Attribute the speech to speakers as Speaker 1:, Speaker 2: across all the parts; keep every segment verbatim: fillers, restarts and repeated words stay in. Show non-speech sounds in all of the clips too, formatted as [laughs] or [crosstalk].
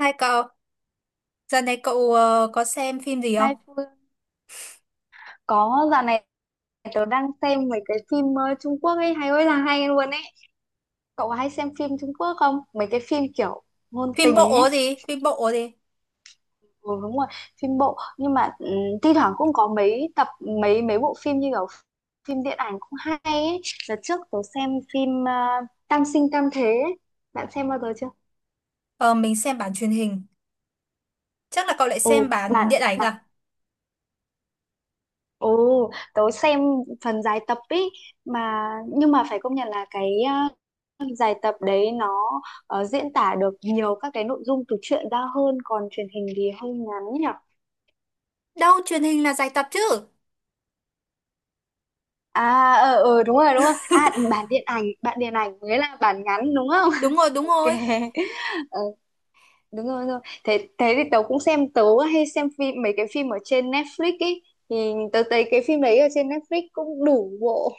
Speaker 1: Hai cậu, giờ này cậu ờ, có xem phim gì không?
Speaker 2: Hai Phương, có dạo này tớ đang xem mấy cái phim ờ, Trung Quốc ấy hay ơi là hay luôn ấy. Cậu có hay xem phim Trung Quốc không, mấy cái phim kiểu ngôn
Speaker 1: Phim
Speaker 2: tình
Speaker 1: bộ
Speaker 2: ấy?
Speaker 1: gì? Phim bộ gì?
Speaker 2: Ừ, đúng rồi, phim bộ nhưng mà ừ, thi thoảng cũng có mấy tập, mấy mấy bộ phim như kiểu phim điện ảnh cũng hay ấy. Đợt trước tớ xem phim ờ, Tam sinh tam thế ấy. Bạn xem bao giờ chưa?
Speaker 1: Ờ, mình xem bản truyền hình. Chắc là cậu lại
Speaker 2: Ừ,
Speaker 1: xem bản
Speaker 2: bạn.
Speaker 1: điện ảnh à?
Speaker 2: Ừ, tớ xem phần dài tập ý mà. Nhưng mà phải công nhận là cái ờ, dài tập đấy nó ờ, diễn tả được nhiều các cái nội dung từ truyện ra hơn, còn truyền hình thì hơi ngắn nhỉ.
Speaker 1: Đâu, truyền hình là dài tập chứ.
Speaker 2: À, ờ ờ đúng rồi, đúng rồi. À, bản điện ảnh, bản điện ảnh mới là bản ngắn đúng không?
Speaker 1: Đúng rồi,
Speaker 2: [laughs]
Speaker 1: đúng
Speaker 2: Ok.
Speaker 1: rồi.
Speaker 2: Ờ, đúng rồi, đúng rồi. Thế thế thì tớ cũng xem, tớ hay xem phim, mấy cái phim ở trên Netflix ý, thì tớ thấy cái phim đấy ở trên Netflix cũng đủ bộ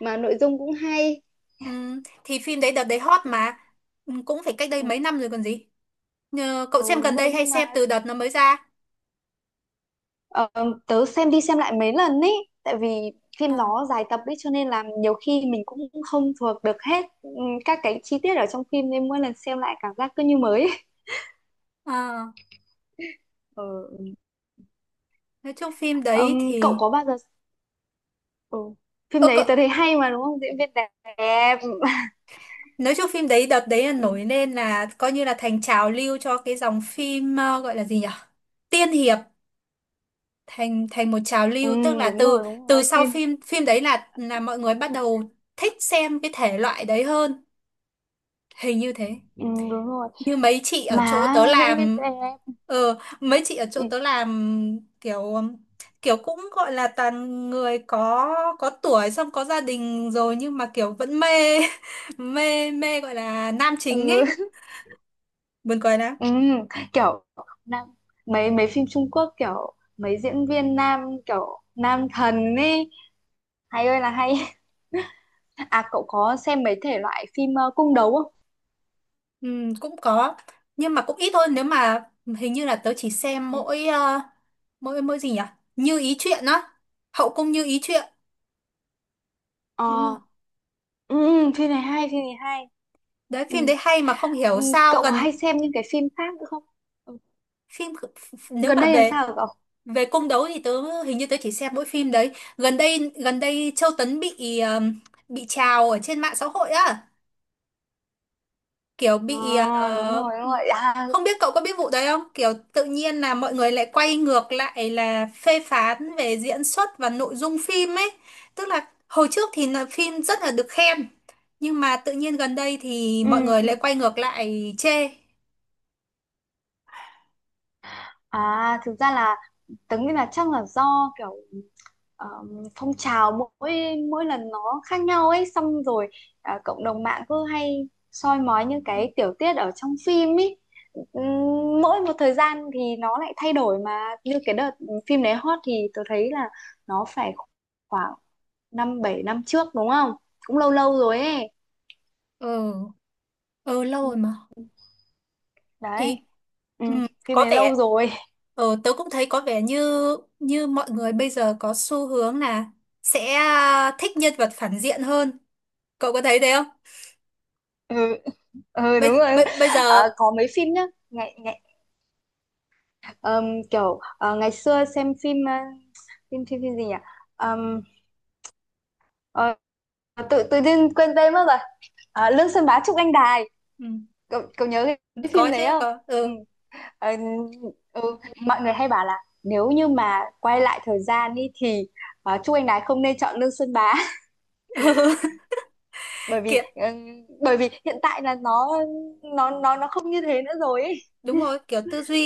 Speaker 2: mà nội dung cũng hay.
Speaker 1: Ừm, thì phim đấy đợt đấy hot
Speaker 2: Ừ,
Speaker 1: mà. Ừm, cũng phải cách đây
Speaker 2: ừ.
Speaker 1: mấy năm rồi còn gì. Ờ, cậu
Speaker 2: Ừ,
Speaker 1: xem
Speaker 2: đúng
Speaker 1: gần
Speaker 2: rồi
Speaker 1: đây hay
Speaker 2: nhưng
Speaker 1: xem
Speaker 2: mà
Speaker 1: từ đợt nó mới ra?
Speaker 2: ờ, tớ xem đi xem lại mấy lần ý, tại vì
Speaker 1: Ờ,
Speaker 2: phim nó dài tập ý cho nên là nhiều khi mình cũng không thuộc được hết ừ, các cái chi tiết ở trong phim, nên mỗi lần xem lại cảm giác cứ như mới ấy.
Speaker 1: ờ,
Speaker 2: Ờ, [laughs] ừ.
Speaker 1: nói chung phim
Speaker 2: Ừm,
Speaker 1: đấy
Speaker 2: cậu
Speaker 1: thì...
Speaker 2: có bao giờ, ừ.
Speaker 1: Ơ
Speaker 2: Phim đấy tớ
Speaker 1: cậu,
Speaker 2: thấy hay mà, đúng không, diễn viên đẹp. [laughs]
Speaker 1: nói chung phim đấy đợt đấy là
Speaker 2: Ừ.
Speaker 1: nổi lên là coi như là thành trào lưu cho cái dòng phim ờ, gọi là gì nhỉ? Tiên hiệp, thành thành một trào
Speaker 2: Ừ,
Speaker 1: lưu, tức là
Speaker 2: đúng
Speaker 1: từ
Speaker 2: rồi, đúng
Speaker 1: từ
Speaker 2: rồi,
Speaker 1: sau
Speaker 2: tiên.
Speaker 1: phim phim đấy là là mọi người bắt đầu thích xem cái thể loại đấy hơn, hình như thế.
Speaker 2: Ừ, đúng rồi,
Speaker 1: Như mấy chị ở chỗ
Speaker 2: mà
Speaker 1: tớ
Speaker 2: diễn viên
Speaker 1: làm,
Speaker 2: đẹp.
Speaker 1: ờ mấy chị ở
Speaker 2: Ừ.
Speaker 1: chỗ tớ làm kiểu kiểu cũng gọi là toàn người có có tuổi xong có gia đình rồi nhưng mà kiểu vẫn mê, [laughs] mê mê gọi là nam chính
Speaker 2: Ừ.
Speaker 1: ấy, buồn cười lắm.
Speaker 2: Ừ, kiểu nam, mấy mấy phim Trung Quốc kiểu mấy diễn viên nam, kiểu nam thần ấy, hay ơi là hay. [laughs] À, cậu có xem mấy thể loại phim ờ, cung đấu không?
Speaker 1: Ừ, cũng có nhưng mà cũng ít thôi, nếu mà hình như là tớ chỉ xem
Speaker 2: Ừ.
Speaker 1: mỗi ờ, mỗi mỗi gì nhỉ, Như Ý Chuyện á, Hậu Cung Như Ý Chuyện, đúng không?
Speaker 2: Ờ, ừ, phim này hay, phim này hay.
Speaker 1: Đấy
Speaker 2: Ừ.
Speaker 1: phim đấy hay mà không
Speaker 2: Ừ,
Speaker 1: hiểu sao
Speaker 2: cậu có
Speaker 1: gần,
Speaker 2: hay xem những cái phim khác nữa không? Ừ.
Speaker 1: phim nếu
Speaker 2: Gần
Speaker 1: mà
Speaker 2: đây làm
Speaker 1: về,
Speaker 2: sao rồi cậu?
Speaker 1: về cung đấu thì tớ hình như tớ chỉ xem mỗi phim đấy. Gần đây, gần đây Châu Tấn bị ờ, bị trào ở trên mạng xã hội á, kiểu bị
Speaker 2: À, đúng rồi,
Speaker 1: ờ,
Speaker 2: đúng rồi. À,
Speaker 1: không biết cậu có biết vụ đấy không, kiểu tự nhiên là mọi người lại quay ngược lại là phê phán về diễn xuất và nội dung phim ấy. Tức là hồi trước thì là phim rất là được khen nhưng mà tự nhiên gần đây thì
Speaker 2: ừ,
Speaker 1: mọi người
Speaker 2: ừ.
Speaker 1: lại quay ngược lại chê.
Speaker 2: À, thực ra là tớ nghĩ là chắc là do kiểu ờ, phong trào mỗi mỗi lần nó khác nhau ấy, xong rồi à, cộng đồng mạng cứ hay soi mói những cái tiểu tiết ở trong phim ấy. Ừm, mỗi một thời gian thì nó lại thay đổi mà, như cái đợt phim đấy hot thì tôi thấy là nó phải khoảng năm bảy năm trước đúng không, cũng lâu lâu rồi ấy.
Speaker 1: Ừ, ừ lâu rồi mà,
Speaker 2: Đấy.
Speaker 1: thì
Speaker 2: Ừ,
Speaker 1: ừ,
Speaker 2: phim
Speaker 1: có
Speaker 2: này lâu
Speaker 1: vẻ
Speaker 2: rồi. [laughs]
Speaker 1: ừ, tớ cũng thấy có vẻ như, như mọi người bây giờ có xu hướng là sẽ ờ, thích nhân vật phản diện hơn. Cậu có thấy thế không?
Speaker 2: Ừ, ừ, đúng
Speaker 1: bây
Speaker 2: rồi.
Speaker 1: bây bây giờ
Speaker 2: Ờ, có mấy phim nhá, ngày, ngày ờm, kiểu ờ, ngày xưa xem phim ờ, phim phim phim gì nhỉ? Ờ, tự tự nhiên quên tên mất rồi. À, Lương Xuân Bá Trúc Anh Đài,
Speaker 1: Ừ.
Speaker 2: cậu cậu nhớ cái, cái phim
Speaker 1: Có chứ
Speaker 2: đấy không?
Speaker 1: có,
Speaker 2: Ừ.
Speaker 1: ừ.
Speaker 2: Ờ, ừ. Mọi người hay bảo là nếu như mà quay lại thời gian đi thì uh, Trúc Anh Đài không nên chọn Lương Xuân Bá, [laughs]
Speaker 1: [laughs]
Speaker 2: bởi vì
Speaker 1: Kiểu
Speaker 2: ừ, bởi vì hiện tại là nó nó nó nó không như thế nữa rồi ấy.
Speaker 1: đúng rồi kiểu tư duy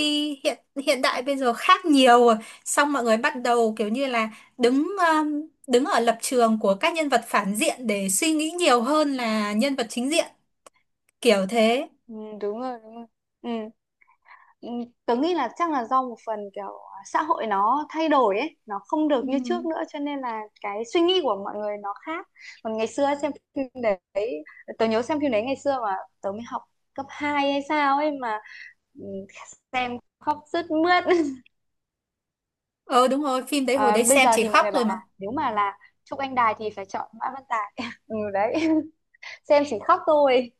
Speaker 1: hiện hiện đại bây giờ khác nhiều rồi, xong mọi người bắt đầu kiểu như là đứng um, đứng ở lập trường của các nhân vật phản diện để suy nghĩ nhiều hơn là nhân vật chính diện, kiểu thế.
Speaker 2: Ừ, đúng rồi, đúng rồi. Ừ. Ừ, tớ nghĩ là chắc là do một phần kiểu xã hội nó thay đổi ấy, nó không
Speaker 1: Ừ.
Speaker 2: được như trước nữa cho nên là cái suy nghĩ của mọi người nó khác. Còn ngày xưa xem phim đấy, tớ nhớ xem phim đấy ngày xưa mà tớ mới học cấp hai hay sao ấy mà, ừ, xem khóc sướt mướt. [laughs]
Speaker 1: Ờ đúng rồi, phim đấy hồi
Speaker 2: À,
Speaker 1: đấy
Speaker 2: bây
Speaker 1: xem
Speaker 2: giờ
Speaker 1: chỉ
Speaker 2: thì mọi
Speaker 1: khóc
Speaker 2: người bảo
Speaker 1: rồi
Speaker 2: là
Speaker 1: mà.
Speaker 2: nếu mà là Trúc Anh Đài thì phải chọn Mã Văn Tài. [laughs] Ừ đấy, xem chỉ khóc thôi.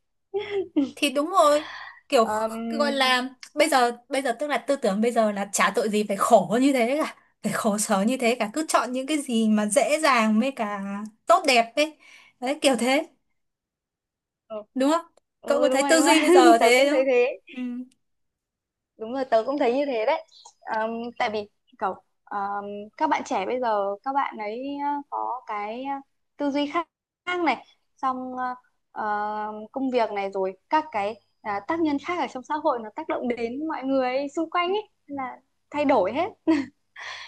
Speaker 1: Thì đúng rồi, kiểu
Speaker 2: Ờm,
Speaker 1: gọi là bây giờ bây giờ tức là tư tưởng bây giờ là chả tội gì phải khổ như thế cả, phải khổ sở như thế cả, cứ chọn những cái gì mà dễ dàng với cả tốt đẹp ấy, đấy kiểu thế,
Speaker 2: ừ,
Speaker 1: đúng không? Cậu có
Speaker 2: ừ đúng
Speaker 1: thấy
Speaker 2: rồi,
Speaker 1: tư
Speaker 2: đúng rồi,
Speaker 1: duy bây
Speaker 2: [laughs]
Speaker 1: giờ
Speaker 2: tớ
Speaker 1: thế
Speaker 2: cũng
Speaker 1: đúng
Speaker 2: thấy
Speaker 1: không?
Speaker 2: thế.
Speaker 1: Ừ
Speaker 2: Đúng rồi, tớ cũng thấy như thế đấy. Ờm, tại vì cậu ờm, các bạn trẻ bây giờ, các bạn ấy ờ, có cái ờ, tư duy khác, khác này, xong ờ, ờ, công việc này, rồi các cái à, tác nhân khác ở trong xã hội nó tác động đến mọi người xung quanh ấy. Nên là thay đổi hết.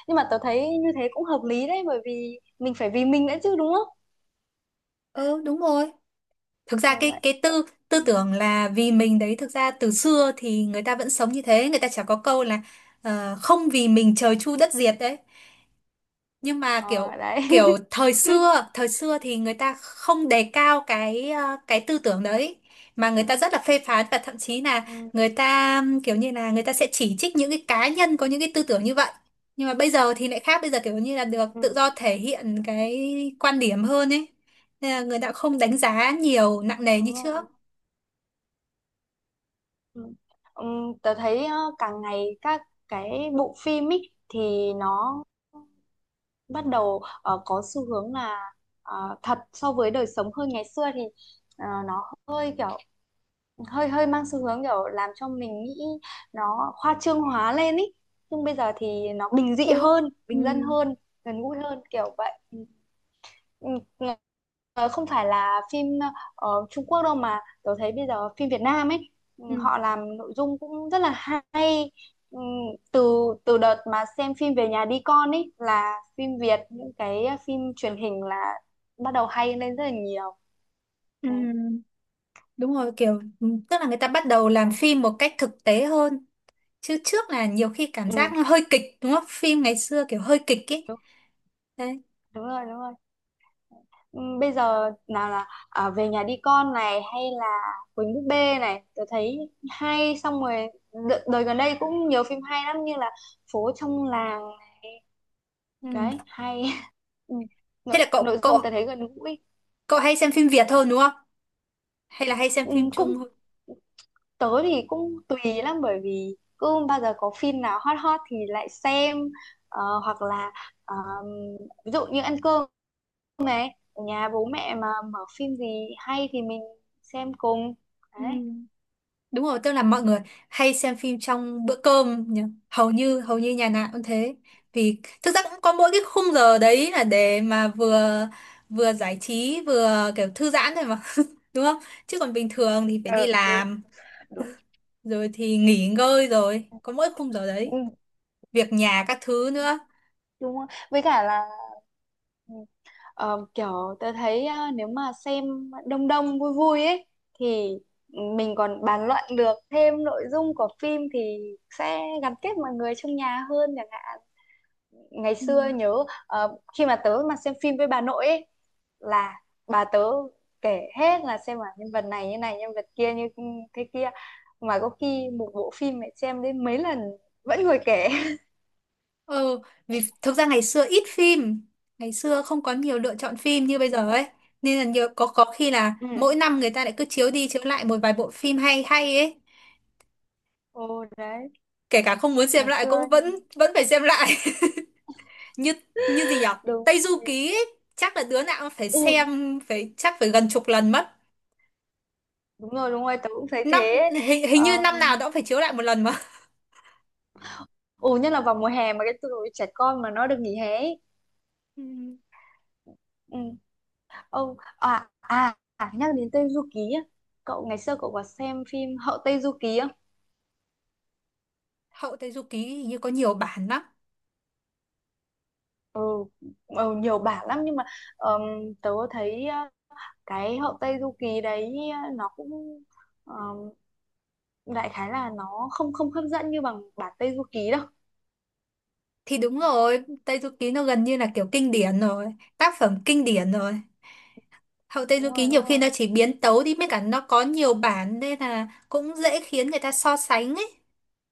Speaker 2: Nhưng mà tớ thấy như thế cũng hợp lý đấy, bởi vì mình phải vì mình nữa chứ, đúng không?
Speaker 1: ừ đúng rồi. Thực ra
Speaker 2: Kiểu
Speaker 1: cái
Speaker 2: vậy.
Speaker 1: cái tư tư
Speaker 2: Ừ.
Speaker 1: tưởng là vì mình đấy, thực ra từ xưa thì người ta vẫn sống như thế, người ta chả có câu là ờ, không vì mình trời chu đất diệt đấy, nhưng mà kiểu
Speaker 2: Ờ, đấy.
Speaker 1: kiểu
Speaker 2: [laughs]
Speaker 1: thời xưa, thời xưa thì người ta không đề cao cái ờ, cái tư tưởng đấy, mà người ta rất là phê phán và thậm chí là
Speaker 2: Ừ.
Speaker 1: người ta ừm, kiểu như là người ta sẽ chỉ trích những cái cá nhân có những cái tư tưởng như vậy. Nhưng mà bây giờ thì lại khác, bây giờ kiểu như là được
Speaker 2: Ừ,
Speaker 1: tự do thể hiện cái quan điểm hơn ấy, nên là người ta không đánh giá nhiều nặng nề như
Speaker 2: đúng
Speaker 1: trước.
Speaker 2: rồi. Ừ. Ừm, tớ thấy ờ, càng ngày các cái bộ phim ý, thì nó bắt đầu ờ, có xu hướng là ờ, thật so với đời sống hơn. Ngày xưa thì ờ, nó hơi kiểu, hơi hơi mang xu hướng kiểu làm cho mình nghĩ nó khoa trương hóa lên ý, nhưng bây giờ thì nó bình dị
Speaker 1: Ừ.
Speaker 2: hơn, bình dân
Speaker 1: Ừ.
Speaker 2: hơn, gần gũi hơn, kiểu vậy. Ừ. Ừ, ờ, không phải là phim ờ, ở Trung Quốc đâu, mà tôi thấy bây giờ phim Việt Nam ấy, ừ,
Speaker 1: Ừ.
Speaker 2: họ làm nội dung cũng rất là hay. Ừ, từ từ đợt mà xem phim Về nhà đi con ấy là phim Việt, những cái phim truyền hình là bắt đầu hay lên rất là nhiều.
Speaker 1: Ừ,
Speaker 2: Đấy,
Speaker 1: đúng rồi kiểu ừ, tức là người ta bắt đầu làm
Speaker 2: đấy.
Speaker 1: phim một cách thực tế hơn, chứ trước là nhiều khi cảm
Speaker 2: Ừ.
Speaker 1: giác nó hơi kịch, đúng không, phim ngày xưa kiểu hơi kịch ấy,
Speaker 2: Đúng,
Speaker 1: đấy.
Speaker 2: đúng rồi, đúng rồi. Ừ, bây giờ nào là à, Về nhà đi con này, hay là Quỳnh búp bê này, tôi thấy hay. Xong rồi đ- đời gần đây cũng nhiều phim hay lắm, như là Phố trong làng này,
Speaker 1: Ừ.
Speaker 2: đấy hay. [laughs] Ừ,
Speaker 1: Thế
Speaker 2: nội,
Speaker 1: là cậu
Speaker 2: nội
Speaker 1: cậu
Speaker 2: dung tôi thấy gần gũi.
Speaker 1: cậu hay xem phim Việt hơn đúng không, hay là hay xem
Speaker 2: Ừ,
Speaker 1: phim Trung
Speaker 2: cũng,
Speaker 1: hơn?
Speaker 2: tớ thì cũng tùy lắm, bởi vì cứ bao giờ có phim nào hot hot thì lại xem. Ờ, hoặc là ờm, ví dụ như ăn cơm này, ở nhà bố mẹ mà mở phim gì hay thì mình xem cùng,
Speaker 1: Ừ.
Speaker 2: đấy.
Speaker 1: Đúng rồi tức là mọi người hay xem phim trong bữa cơm nhỉ? Hầu như hầu như nhà nào cũng thế, vì thực ra cũng có mỗi cái khung giờ đấy là để mà vừa vừa giải trí vừa kiểu thư giãn thôi mà. [laughs] Đúng không? Chứ còn bình thường thì phải đi
Speaker 2: Ờ, ừ,
Speaker 1: làm
Speaker 2: đúng.
Speaker 1: rồi thì nghỉ ngơi rồi có mỗi khung giờ
Speaker 2: Ừ,
Speaker 1: đấy, việc nhà các thứ nữa.
Speaker 2: đúng. Với cả là ừ, ờ, kiểu tớ thấy ờ, nếu mà xem đông đông vui vui ấy thì mình còn bàn luận được thêm nội dung của phim thì sẽ gắn kết mọi người trong nhà hơn, chẳng hạn ngày
Speaker 1: Ừ.
Speaker 2: xưa nhớ ờ, khi mà tớ mà xem phim với bà nội ấy, là bà tớ kể hết, là xem là nhân vật này như này, nhân vật kia như ừ, thế kia, mà có khi một bộ phim mẹ xem đến mấy lần vẫn ngồi kể.
Speaker 1: Ừ, vì thực ra ngày xưa ít phim, ngày xưa không có nhiều lựa chọn phim như bây giờ ấy.
Speaker 2: [laughs]
Speaker 1: Nên là nhiều có có khi là
Speaker 2: Ừ.
Speaker 1: mỗi năm người ta lại cứ chiếu đi chiếu lại một vài bộ phim hay hay ấy.
Speaker 2: Ồ đấy,
Speaker 1: Kể cả không muốn xem
Speaker 2: ngày
Speaker 1: lại cũng
Speaker 2: xưa
Speaker 1: vẫn vẫn phải xem lại. [laughs] Như như gì nhỉ?
Speaker 2: đúng
Speaker 1: Tây
Speaker 2: thế.
Speaker 1: Du Ký ấy, chắc là đứa nào cũng phải
Speaker 2: Ừ,
Speaker 1: xem phải chắc phải gần chục lần mất.
Speaker 2: đúng rồi, đúng rồi, tớ cũng thấy
Speaker 1: Năm
Speaker 2: thế.
Speaker 1: hình, hình
Speaker 2: Ờ,
Speaker 1: như năm nào nó cũng phải chiếu lại một lần mà.
Speaker 2: ừ, nhất là vào mùa hè mà cái tụi trẻ con mà nó được nghỉ hè ấy.
Speaker 1: Ừ,
Speaker 2: Ừ. Ông, à à à, nhắc đến Tây Du Ký á. Cậu ngày xưa cậu có xem phim Hậu Tây Du Ký không?
Speaker 1: Hậu Tây Du Ký hình như có nhiều bản lắm.
Speaker 2: Ừ, ừ nhiều bản lắm nhưng mà ờm, tớ thấy ờ, cái Hậu Tây Du Ký đấy ờ, nó cũng ờm, đại khái là nó không, không hấp dẫn như bằng bản Tây Du Ký đâu.
Speaker 1: Thì đúng rồi, Tây Du Ký nó gần như là kiểu kinh điển rồi, tác phẩm kinh điển rồi. Hậu Tây Du
Speaker 2: Đúng
Speaker 1: Ký
Speaker 2: rồi,
Speaker 1: nhiều
Speaker 2: đúng
Speaker 1: khi
Speaker 2: rồi.
Speaker 1: nó chỉ biến tấu đi mới cả nó có nhiều bản nên là cũng dễ khiến người ta so sánh ấy.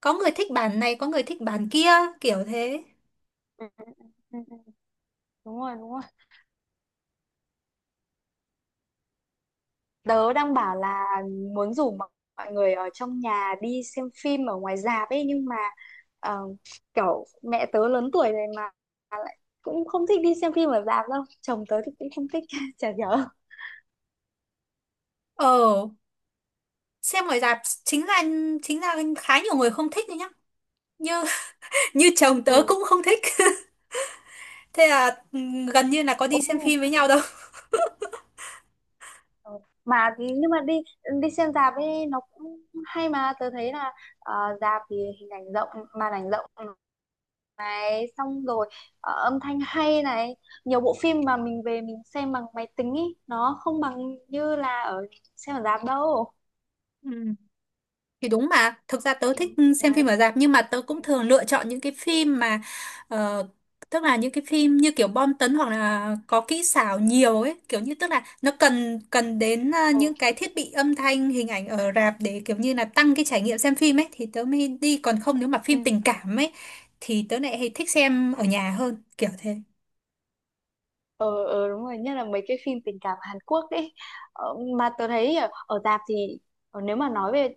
Speaker 1: Có người thích bản này, có người thích bản kia, kiểu thế.
Speaker 2: Ừ, ừ, ừ, ừ, ừ, đúng rồi, đúng rồi. Tớ đang bảo là muốn rủ mọi mọi người ở trong nhà đi xem phim ở ngoài rạp ấy, nhưng mà ờ, kiểu mẹ tớ lớn tuổi rồi mà lại cũng không thích đi xem phim ở rạp đâu. Chồng tớ thì cũng không thích, [laughs] chả nhớ.
Speaker 1: Ờ, xem ngoài rạp chính là chính là khá nhiều người không thích đấy nhá. Như [laughs] như chồng tớ
Speaker 2: Ừ.
Speaker 1: cũng không thích. [laughs] Thế là ừ, gần như là có đi
Speaker 2: Ồ,
Speaker 1: xem phim với nhau đâu.
Speaker 2: ờ, mà thì- nhưng mà đi đi xem rạp ấy nó cũng hay mà, tớ thấy là ờ, rạp thì hình ảnh rộng, màn ảnh rộng, xong rồi ờ, âm thanh hay này, nhiều bộ phim mà mình về mình xem bằng máy tính ý nó không bằng như là ở xem ở rạp đâu.
Speaker 1: Ừ. Thì đúng mà, thực ra tớ
Speaker 2: Ừ,
Speaker 1: thích xem
Speaker 2: đấy.
Speaker 1: phim ở rạp nhưng mà tớ
Speaker 2: Ừ.
Speaker 1: cũng thường lựa chọn những cái phim mà ờ, tức là những cái phim như kiểu bom tấn hoặc là có kỹ xảo nhiều ấy, kiểu như tức là nó cần cần đến ờ, những
Speaker 2: Ồ,
Speaker 1: cái thiết bị âm thanh, hình ảnh ở rạp để kiểu như là tăng cái trải nghiệm xem phim ấy thì tớ mới đi, còn không nếu mà
Speaker 2: ừ.
Speaker 1: phim tình cảm ấy thì tớ lại hay thích xem ở nhà hơn, kiểu thế.
Speaker 2: Ờ, ờ đúng rồi, nhất là mấy cái phim tình cảm Hàn Quốc đấy ờ, mà tớ thấy ở, ở rạp thì ờ, nếu mà nói về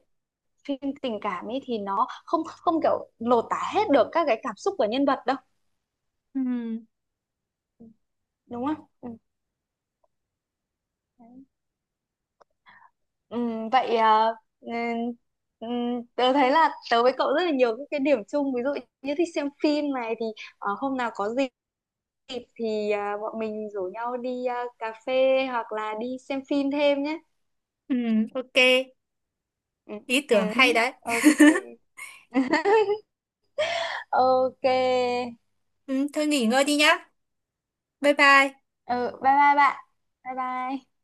Speaker 2: phim tình cảm ấy thì nó không, không kiểu lột tả hết được các cái cảm xúc của nhân vật đâu.
Speaker 1: Ừ,
Speaker 2: Ừ, đúng không, ừ. Đấy. Ừ, vậy à, ừ, ừ, tớ thấy là tớ với cậu rất là nhiều những cái điểm chung, ví dụ như thích xem phim này, thì ờ, hôm nào có dịp thì à, bọn mình rủ nhau đi à, cà phê hoặc là đi xem phim thêm nhé.
Speaker 1: ừ, ok,
Speaker 2: Ừ,
Speaker 1: ý
Speaker 2: ừ,
Speaker 1: tưởng hay đấy.
Speaker 2: ok.
Speaker 1: [laughs]
Speaker 2: [laughs] Ok.
Speaker 1: Ừ, thôi nghỉ ngơi đi nhá. Bye bye.
Speaker 2: Ừ, bye bye bạn, bye bye.